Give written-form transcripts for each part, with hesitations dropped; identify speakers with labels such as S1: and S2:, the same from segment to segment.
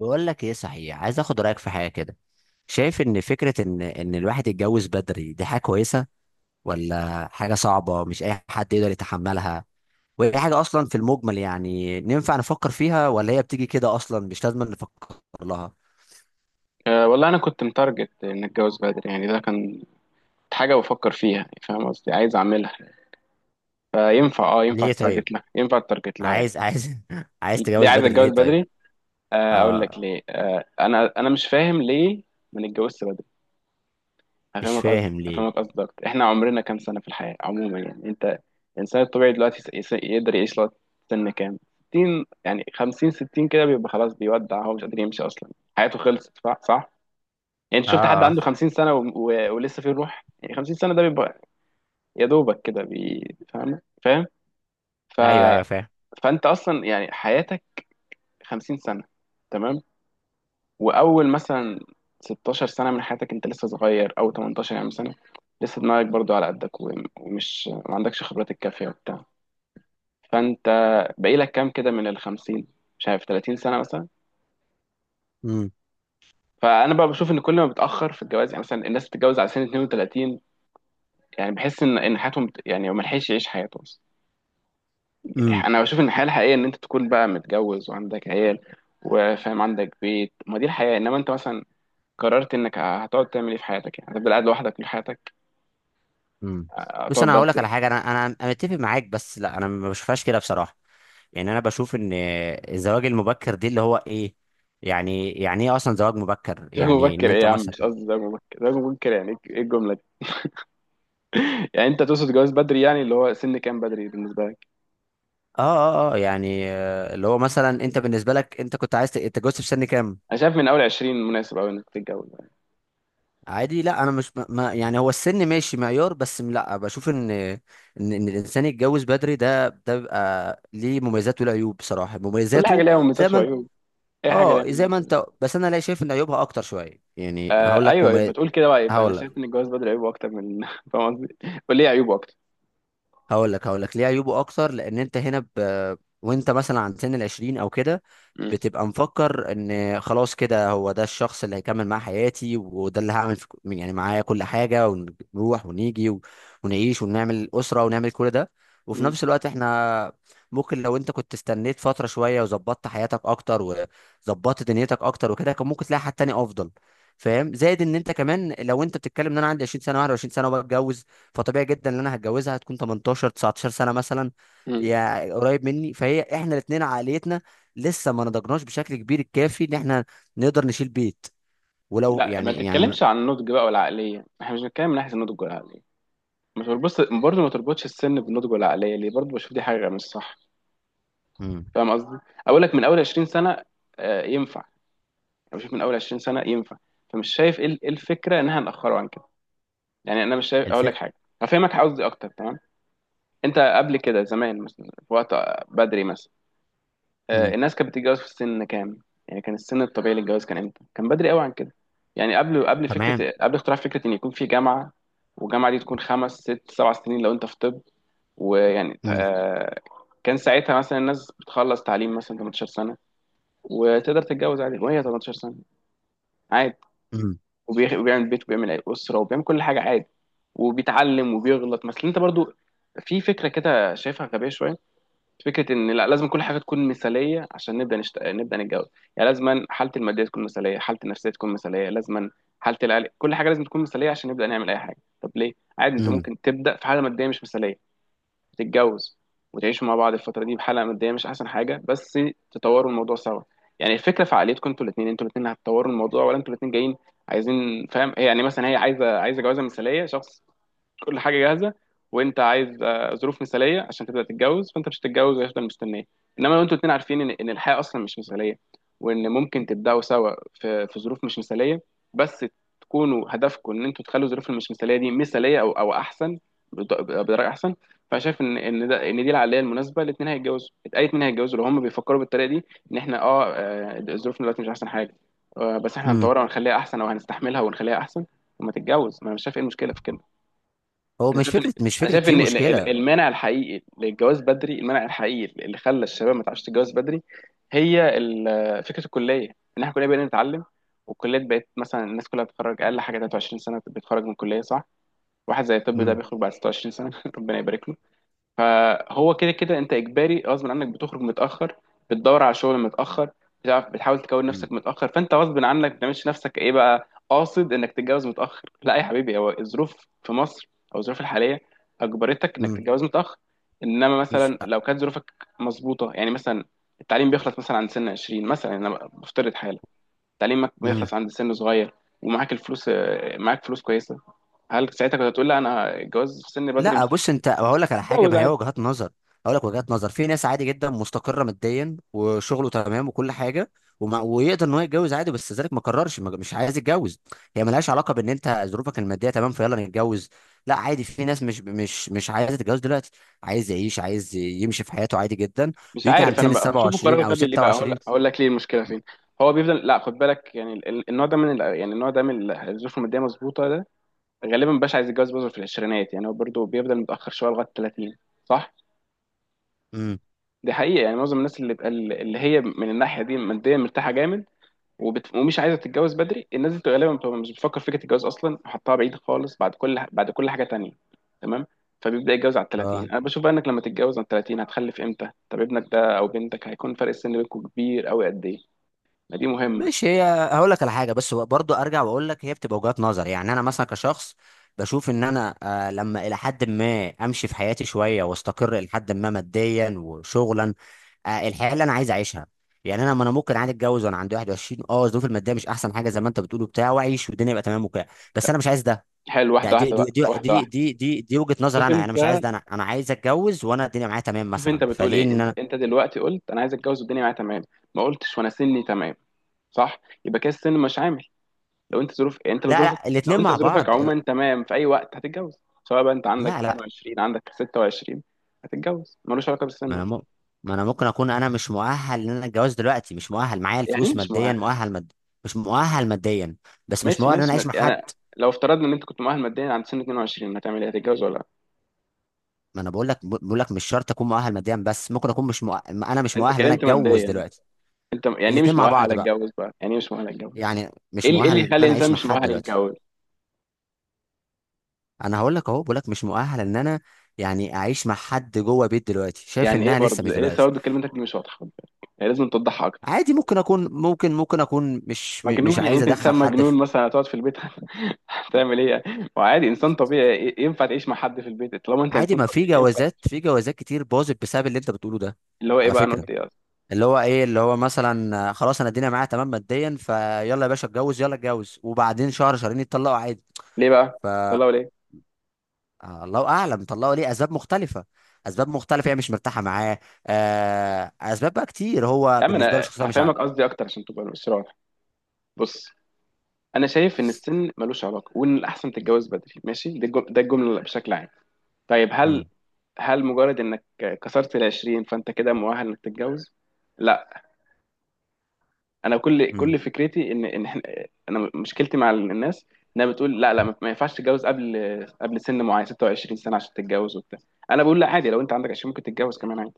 S1: بقول لك ايه، صحيح عايز اخد رايك في حاجه كده. شايف ان فكره ان الواحد يتجوز بدري دي حاجه كويسه، ولا حاجه صعبه مش اي حد يقدر يتحملها؟ وهي حاجه اصلا في المجمل يعني ننفع نفكر فيها، ولا هي بتيجي كده اصلا مش لازم نفكر لها؟
S2: أه والله انا كنت متارجت ان اتجوز بدري، يعني ده كان حاجه بفكر فيها، يعني فاهم قصدي، عايز اعملها. فينفع، ينفع
S1: ليه طيب؟
S2: التارجت لها، يعني.
S1: عايز عايز
S2: ليه
S1: تتجوز
S2: عايز
S1: بدري ليه
S2: اتجوز
S1: طيب؟
S2: بدري؟ أه، اقول
S1: اه.
S2: لك ليه. انا مش فاهم ليه ما نتجوزش بدري.
S1: مش
S2: هفهمك قصدي،
S1: فاهم ليه.
S2: اكتر. احنا عمرنا كام سنه في الحياه عموما؟ يعني انت، الانسان الطبيعي دلوقتي يقدر يعيش لغايه سن كام؟ 60، يعني 50، 60، كده بيبقى خلاص، بيودع، هو مش قادر يمشي اصلا، حياته خلصت. صح؟ يعني انت شفت حد
S1: اه، اه.
S2: عنده 50 سنه ولسه فيه روح؟ يعني 50 سنه ده بيبقى يا دوبك كده فاهم، ف...
S1: ايوه، ايوه، فاهم.
S2: فانت اصلا يعني حياتك 50 سنه، تمام؟ واول مثلا 16 سنه من حياتك انت لسه صغير، او 18 يعني سنه لسه دماغك برضو على قدك، ومش ما عندكش خبرات الكافيه وبتاع. فانت باقي لك كام كده من ال 50؟ مش عارف، 30 سنه مثلا.
S1: امم.
S2: فانا بقى بشوف ان كل ما بتاخر في الجواز، يعني مثلا الناس بتتجوز على سن 32، يعني بحس ان حياتهم يعني ما لحقش يعيش حياته.
S1: امم.
S2: انا بشوف ان الحياه الحقيقيه، ان انت تكون بقى متجوز وعندك عيال وفاهم، عندك بيت، ما دي الحياه. انما انت مثلا قررت انك هتقعد تعمل ايه في حياتك؟ يعني هتفضل قاعد لوحدك طول حياتك؟
S1: امم. بص،
S2: هتقعد
S1: انا هقول لك على
S2: بلد.
S1: حاجه، انا متفق معاك، بس لا، انا ما بشوفهاش كده بصراحه. يعني انا بشوف ان الزواج المبكر دي اللي هو ايه، يعني ايه اصلا زواج مبكر؟
S2: زواج
S1: يعني ان
S2: مبكر ايه
S1: انت
S2: يا عم؟
S1: مثلا...
S2: مش قصدي زواج مبكر، زواج مبكر يعني ايه؟ الجمله دي. يعني انت تقصد جواز بدري، يعني اللي هو سن كام بدري بالنسبه لك؟
S1: اه، اه، اه، يعني اللي هو مثلا انت بالنسبه لك انت كنت عايز تتجوز في سن كام؟
S2: انا شايف من اول 20 مناسب قوي انك تتجوز يعني.
S1: عادي، لا، انا مش يعني هو السن ماشي معيار، بس لا بشوف ان ان الانسان يتجوز بدري ده بيبقى ليه مميزات وله عيوب بصراحه.
S2: كل حاجه
S1: مميزاته
S2: ليها
S1: زي
S2: مميزات
S1: ما انت...
S2: وعيوب. اي حاجه ليها
S1: اه، زي
S2: مميزات.
S1: ما انت، بس انا لا شايف ان عيوبها اكتر شويه. يعني هقول
S2: آه
S1: لك
S2: ايوه، يبقى
S1: مميز...
S2: تقول كده بقى. يبقى انا
S1: هقول لك
S2: شايف ان الجواز بدري عيوبه اكتر، من فاهم قصدي. قول لي إيه عيوبه اكتر؟
S1: هقول لك ليه عيوبه اكتر. لان انت هنا ب... وانت مثلا عند سن العشرين او كده،
S2: م-
S1: بتبقى مفكر ان خلاص كده هو ده الشخص اللي هيكمل معاه حياتي، وده اللي هعمل في... يعني معايا كل حاجه، ونروح ونيجي و... ونعيش ونعمل اسره ونعمل كل ده. وفي
S2: م-
S1: نفس الوقت احنا ممكن، لو انت كنت استنيت فتره شويه، وظبطت حياتك اكتر، وظبطت دنيتك اكتر وكده، كان ممكن تلاقي حد تاني افضل. فاهم؟ زائد ان انت كمان، لو انت بتتكلم ان انا عندي 20 سنه 21 سنه وبتجوز، فطبيعي جدا ان انا هتجوزها هتكون 18 19 سنه مثلا،
S2: م.
S1: يا قريب مني. فهي احنا الاثنين عقليتنا لسه ما نضجناش بشكل كبير الكافي ان احنا نقدر نشيل بيت. ولو
S2: لا ما
S1: يعني من...
S2: تتكلمش عن النضج بقى والعقليه، احنا مش بنتكلم من ناحيه النضج والعقليه. مش بتبص برضه، ما تربطش السن بالنضج والعقليه ليه؟ برضه بشوف دي حاجه مش صح.
S1: مم.
S2: فاهم قصدي؟ اقول لك من اول 20 سنه ينفع. انا بشوف من اول 20 سنه ينفع. فمش شايف إيه الفكره انها ناخره عن كده. يعني انا مش شايف. اقول لك
S1: الف...
S2: حاجه، هفهمك قصدي اكتر، تمام. انت قبل كده زمان، مثلا في وقت بدري مثلا،
S1: مم.
S2: الناس كانت بتتجوز في سن كام؟ يعني كان السن الطبيعي للجواز كان امتى؟ كان بدري قوي عن كده. يعني قبل،
S1: تمام.
S2: فكره، قبل اختراع فكره ان يكون في جامعه، والجامعه دي تكون خمس ست سبع سنين لو انت في طب. ويعني
S1: مم.
S2: كان ساعتها مثلا الناس بتخلص تعليم مثلا 18 سنه، وتقدر تتجوز عادي وهي 18 سنه، عادي.
S1: مم.
S2: وبيعمل بيت وبيعمل اسره وبيعمل كل حاجه عادي، وبيتعلم وبيغلط. مثلا انت برضو في فكره كده شايفها غبيه شويه، فكره ان لا لازم كل حاجه تكون مثاليه عشان نبدا نبدا نتجوز. يعني لازما حالتي الماديه تكون مثاليه، حالتي النفسيه تكون مثاليه، لازما حالتي العقل، كل حاجه لازم تكون مثاليه عشان نبدا نعمل اي حاجه. طب ليه؟ عادي، انت
S1: مم.
S2: ممكن تبدا في حاله ماديه مش مثاليه، تتجوز، وتعيشوا مع بعض الفتره دي بحاله ماديه مش احسن حاجه، بس تطوروا الموضوع سوا. يعني الفكره في عقليتكم انتوا الاثنين، هتطوروا الموضوع، ولا انتوا الاثنين جايين عايزين فاهم؟ هي يعني مثلا هي عايزه جوازه مثاليه، شخص كل حاجه جاهزه، وانت عايز ظروف مثاليه عشان تبدا تتجوز، فانت مش هتتجوز وهيفضل مستنيه. انما لو انتوا الاتنين عارفين ان الحياه اصلا مش مثاليه، وان ممكن تبداوا سوا في ظروف مش مثاليه، بس تكونوا هدفكم ان انتوا تخلوا الظروف المش مثاليه دي مثاليه، او احسن، بطريقه احسن. فانا شايف ان دي العقليه المناسبه. الاثنين هيتجوزوا، اي اثنين هيتجوزوا لو هم بيفكروا بالطريقه دي، ان احنا ظروفنا دلوقتي مش احسن حاجه، بس احنا
S1: مم.
S2: هنطورها ونخليها احسن، او هنستحملها ونخليها احسن. وما تتجوز، ما انا مش شايف ايه المشكله في كده.
S1: هو
S2: انا
S1: مش
S2: شايف ان،
S1: فكره، مش فكره في مشكله.
S2: المانع الحقيقي للجواز بدري، المانع الحقيقي اللي خلى الشباب ما تعرفش تتجوز بدري، هي فكره الكليه. ان احنا كلنا بقينا نتعلم، والكليات بقت مثلا الناس كلها بتتخرج اقل حاجه 23 سنه، بتتخرج من الكليه، صح؟ واحد زي الطب ده
S1: مم.
S2: بيخرج بعد 26 سنه، ربنا يبارك له. فهو كده كده انت اجباري، غصب عنك بتخرج متاخر، بتدور على شغل متاخر، بتعرف، بتحاول تكون
S1: مم.
S2: نفسك متاخر، فانت غصب عنك ما بتعملش نفسك ايه بقى قاصد انك تتجوز متاخر. لا يا حبيبي، هو الظروف في مصر او الظروف الحاليه اجبرتك انك
S1: مم.
S2: تتجوز متاخر. انما
S1: مش.
S2: مثلا لو كانت ظروفك مظبوطه، يعني مثلا التعليم بيخلص مثلا عند سن 20 مثلا، انا بفترض حاله، تعليمك
S1: مم.
S2: بيخلص عند سن صغير، ومعاك الفلوس، معاك فلوس كويسه، هل ساعتها كنت هتقول لا انا الجواز في سن بدري مش
S1: لا، بص انت، هقول لك على حاجه،
S2: هتجوز؟
S1: ما هي وجهات نظر. هقول لك وجهات نظر، في ناس عادي جدا مستقره ماديا وشغله تمام وكل حاجه، وما ويقدر ان هو يتجوز عادي، بس ذلك ما قررش، ما- مش عايز يتجوز. هي ملهاش علاقه بان انت ظروفك الماديه تمام فيلا نتجوز. لا عادي، في ناس مش عايزه تتجوز دلوقتي. عايز يعيش، عايز يمشي في حياته عادي جدا،
S2: مش
S1: ويجي عند
S2: عارف. انا
S1: سن ال
S2: بشوفه قرار
S1: 27 او
S2: غبي. ليه بقى؟ اقول،
S1: 26.
S2: لك ليه المشكله فين. هو بيفضل، لا خد بالك، يعني النوع ده من الظروف الماديه مظبوطه، ده غالبا مبقاش عايز يتجوز برضه في العشرينات. يعني هو برضه بيفضل متاخر شويه لغايه 30، صح؟
S1: امم.
S2: دي حقيقه. يعني معظم الناس اللي بقى، اللي هي من الناحيه دي ماديا مرتاحه جامد، ومش عايزه تتجوز بدري، الناس دي غالبا بتبقى مش بتفكر في فكره الجواز اصلا، وحطها بعيد خالص بعد كل، حاجه تانية، تمام. فبيبدا يتجوز على ال
S1: آه.
S2: 30. انا بشوف بقى انك لما تتجوز على ال 30 هتخلف امتى؟ طب ابنك ده او بنتك هيكون فرق السن بينكم كبير قوي قد ايه؟ ما دي مهمه.
S1: ماشي هي. هقول لك على حاجه، بس برضو ارجع واقول لك هي بتبقى وجهات نظر. يعني انا مثلا كشخص بشوف ان انا، لما الى حد ما امشي في حياتي شويه، واستقر الى حد ما ماديا وشغلا، الحياه اللي انا عايز اعيشها. يعني انا ما انا ممكن عادي اتجوز وانا عندي 21، الظروف الماديه مش احسن حاجه زي ما انت بتقول بتاع، واعيش والدنيا يبقى تمام وكده. بس انا مش عايز ده.
S2: حلو،
S1: ده
S2: واحده
S1: دي
S2: واحده
S1: دي
S2: بقى،
S1: دي
S2: واحده
S1: دي
S2: واحده.
S1: دي, دي, دي وجهه نظر،
S2: شوف
S1: انا
S2: انت،
S1: مش عايز ده. انا عايز اتجوز وانا الدنيا معايا تمام مثلا،
S2: بتقول
S1: فليه
S2: ايه.
S1: ان
S2: انت
S1: انا...
S2: انت دلوقتي قلت انا عايز اتجوز والدنيا معايا تمام، ما قلتش وانا سني تمام. صح؟ يبقى كده السن مش عامل. لو انت، ظروف يعني انت لو
S1: لا
S2: ظروفك
S1: لا،
S2: لو
S1: الاتنين
S2: انت
S1: مع
S2: ظروفك
S1: بعض.
S2: عموما تمام، في اي وقت هتتجوز، سواء بقى انت عندك
S1: لا لا.
S2: 22 عندك 26، هتتجوز، ملوش علاقه
S1: ما
S2: بالسن.
S1: انا م... ما انا ممكن اكون انا مش مؤهل ان انا اتجوز دلوقتي. مش مؤهل، معايا
S2: يعني ايه
S1: الفلوس
S2: مش
S1: ماديا
S2: مؤهل؟
S1: مؤهل، مد... مش مؤهل ماديا، بس مش
S2: ماشي
S1: مؤهل ان انا
S2: ماشي،
S1: اعيش
S2: ما...
S1: مع حد.
S2: انا لو افترضنا ان انت كنت مؤهل ماديا عند سن 22، هتعمل ايه؟ هتتجوز ولا لا؟
S1: ما انا بقول لك، مش شرط اكون مؤهل ماديا، بس ممكن اكون مش مؤ... انا مش
S2: انت
S1: مؤهل ان انا
S2: كلمت
S1: اتجوز
S2: ماديا.
S1: دلوقتي.
S2: انت يعني ايه
S1: الاتنين
S2: مش
S1: مع
S2: مؤهل
S1: بعض بقى.
S2: اتجوز بقى؟ يعني ايه مش مؤهل اتجوز؟
S1: يعني
S2: ايه
S1: مش
S2: اللي، إيه
S1: مؤهل
S2: اللي يخلي
S1: ان انا
S2: الانسان
S1: اعيش مع
S2: مش
S1: حد
S2: مؤهل
S1: دلوقتي.
S2: يتجوز؟
S1: انا هقول لك اهو، بقول لك مش مؤهل ان انا يعني اعيش مع حد جوه بيت دلوقتي. شايف
S2: يعني ايه
S1: انها لسه
S2: برضه؟
S1: مش
S2: إيه لسه
S1: دلوقتي.
S2: برضه؟ كلمتك دي مش واضحه، خد بالك. يعني لازم توضحها اكتر.
S1: عادي، ممكن اكون، ممكن اكون مش مش
S2: مجنون؟ يعني
S1: عايز
S2: انت انسان
S1: ادخل حد.
S2: مجنون مثلا هتقعد في البيت، تعمل ايه؟ يعني ما هو عادي انسان طبيعي، ينفع تعيش مع حد في البيت. طالما انت
S1: عادي،
S2: انسان
S1: ما في
S2: طبيعي ينفع.
S1: جوازات، كتير باظت بسبب اللي انت بتقوله ده،
S2: اللي هو ايه
S1: على
S2: بقى؟ انا
S1: فكره.
S2: قلت ايه اصلا؟
S1: اللي هو ايه، اللي هو مثلا خلاص انا الدنيا معايا تمام ماديا فيلا يا باشا اتجوز، يلا اتجوز وبعدين شهر شهرين يتطلقوا عادي.
S2: ليه بقى
S1: ف...
S2: طلعوا ليه؟
S1: الله اعلم طلقوا ليه. اسباب مختلفه. اسباب مختلفه، هي مش مرتاحه معاه، اسباب بقى كتير.
S2: يا
S1: هو
S2: عم،
S1: بالنسبه له
S2: انا
S1: شخصيه مش
S2: هفهمك
S1: عارف.
S2: قصدي اكتر عشان تبقى مش رايح. بص، انا شايف ان السن ملوش علاقه، وان الاحسن تتجوز بدري، ماشي. ده الجمله بشكل عام. طيب
S1: امم.
S2: هل، مجرد انك كسرت ال 20 فانت كده مؤهل انك تتجوز؟ لا. انا كل فكرتي انا مشكلتي مع الناس انها بتقول لا، لا، ما ينفعش تتجوز قبل، سن معين، 26 سنه عشان تتجوز وبتاع. انا بقول لا، عادي، لو انت عندك 20 ممكن تتجوز كمان، عادي.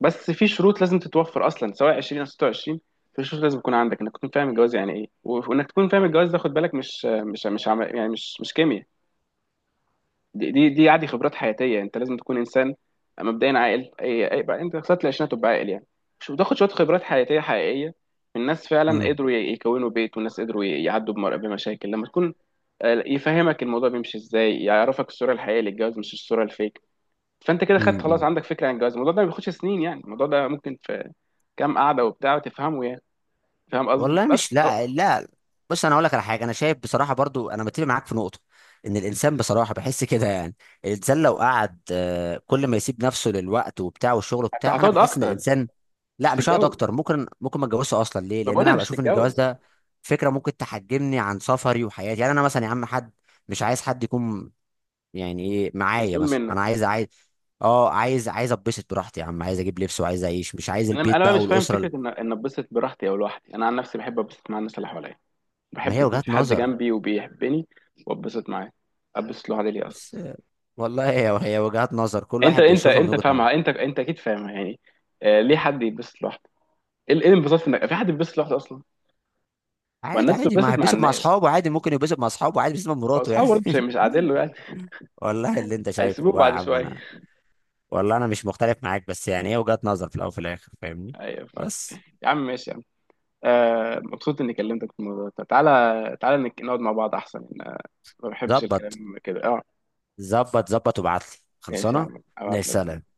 S2: بس في شروط لازم تتوفر اصلا سواء 20 او 26. في شروط لازم تكون عندك، انك تكون فاهم الجواز يعني ايه، وانك تكون فاهم الجواز ده، خد بالك، مش مش مش عم... يعني مش كيمياء. دي عادي، خبرات حياتيه، انت لازم تكون انسان مبدئيا عاقل، اي بقى انت وصلت العشرينات تبقى عاقل يعني، مش بتاخد شويه خبرات حياتيه حقيقيه من ناس فعلا قدروا يكونوا بيت، والناس قدروا يعدوا بمشاكل. لما تكون يفهمك الموضوع بيمشي ازاي، يعرفك الصوره الحقيقيه للجواز مش الصوره الفيك. فانت كده خدت خلاص،
S1: امم.
S2: عندك فكره عن الجواز. الموضوع ده ما بياخدش سنين، يعني الموضوع ده ممكن في كام قعده وبتاع وتفهمه، يعني فاهم قصدي
S1: والله مش،
S2: بس.
S1: لا لا. بص، انا اقول لك على حاجه. انا شايف بصراحه برضو، انا متفق معاك في نقطه، ان الانسان بصراحه بحس كده يعني، الانسان لو قعد كل ما يسيب نفسه للوقت وبتاع والشغل بتاع، انا
S2: هتقعد
S1: بحس ان
S2: اكتر.
S1: الانسان...
S2: مش
S1: لا، مش هقعد
S2: تتجوز،
S1: اكتر، ممكن ما اتجوزش اصلا، ليه؟
S2: ما
S1: لان
S2: بقول لك
S1: انا هبقى
S2: مش
S1: اشوف ان الجواز
S2: تتجوز.
S1: ده فكره ممكن تحجمني عن سفري وحياتي. يعني انا مثلا يا عم، حد... مش عايز حد يكون، يعني ايه، معايا
S2: مسؤول
S1: مثلا.
S2: منك.
S1: انا عايز اه، عايز اتبسط براحتي يا عم، عايز اجيب لبس وعايز اعيش، مش عايز
S2: انا
S1: البيت
S2: انا بقى
S1: بقى
S2: مش فاهم
S1: والاسره.
S2: فكره ان اتبسط براحتي او لوحدي. انا عن نفسي بحب اتبسط مع الناس اللي حواليا،
S1: ما
S2: بحب
S1: هي
S2: يكون
S1: وجهات
S2: في حد
S1: نظر.
S2: جنبي وبيحبني واتبسط معاه. اتبسط لوحدي ليه اصلا؟
S1: والله هي وجهات نظر، كل
S2: انت
S1: واحد
S2: انت
S1: بيشوفها من
S2: انت
S1: وجهة
S2: فاهمها،
S1: نظره.
S2: انت اكيد فاهمها يعني. آه، ليه حد يتبسط لوحده؟ ايه، الانبساط في انك في حد بيتبسط لوحده اصلا؟ ما
S1: عادي
S2: الناس
S1: عادي، ما
S2: بتتبسط مع
S1: هيتبسط مع
S2: الناس.
S1: اصحابه عادي، ممكن يتبسط مع اصحابه عادي، بيتبسط مع مراته يعني.
S2: فاصحابه برضه مش قاعدين له يعني.
S1: والله اللي انت شايفه
S2: هيسيبوه
S1: بقى يا
S2: بعد
S1: عم،
S2: شويه.
S1: انا والله انا مش مختلف معاك، بس يعني هي وجهات نظر في الاول وفي الاخر، فاهمني؟
S2: ايوه فاهم.
S1: بس.
S2: يا عم ماشي يا عم. آه، مبسوط اني كلمتك في الموضوع ده. تعالى تعالى، نقعد مع بعض احسن. ما بحبش
S1: ظبط.
S2: الكلام كده، اه.
S1: ظبط ظبط، وابعت لي
S2: ماشي يا
S1: خلصانه.
S2: عم،
S1: يا
S2: ابعت
S1: سلام.
S2: لك.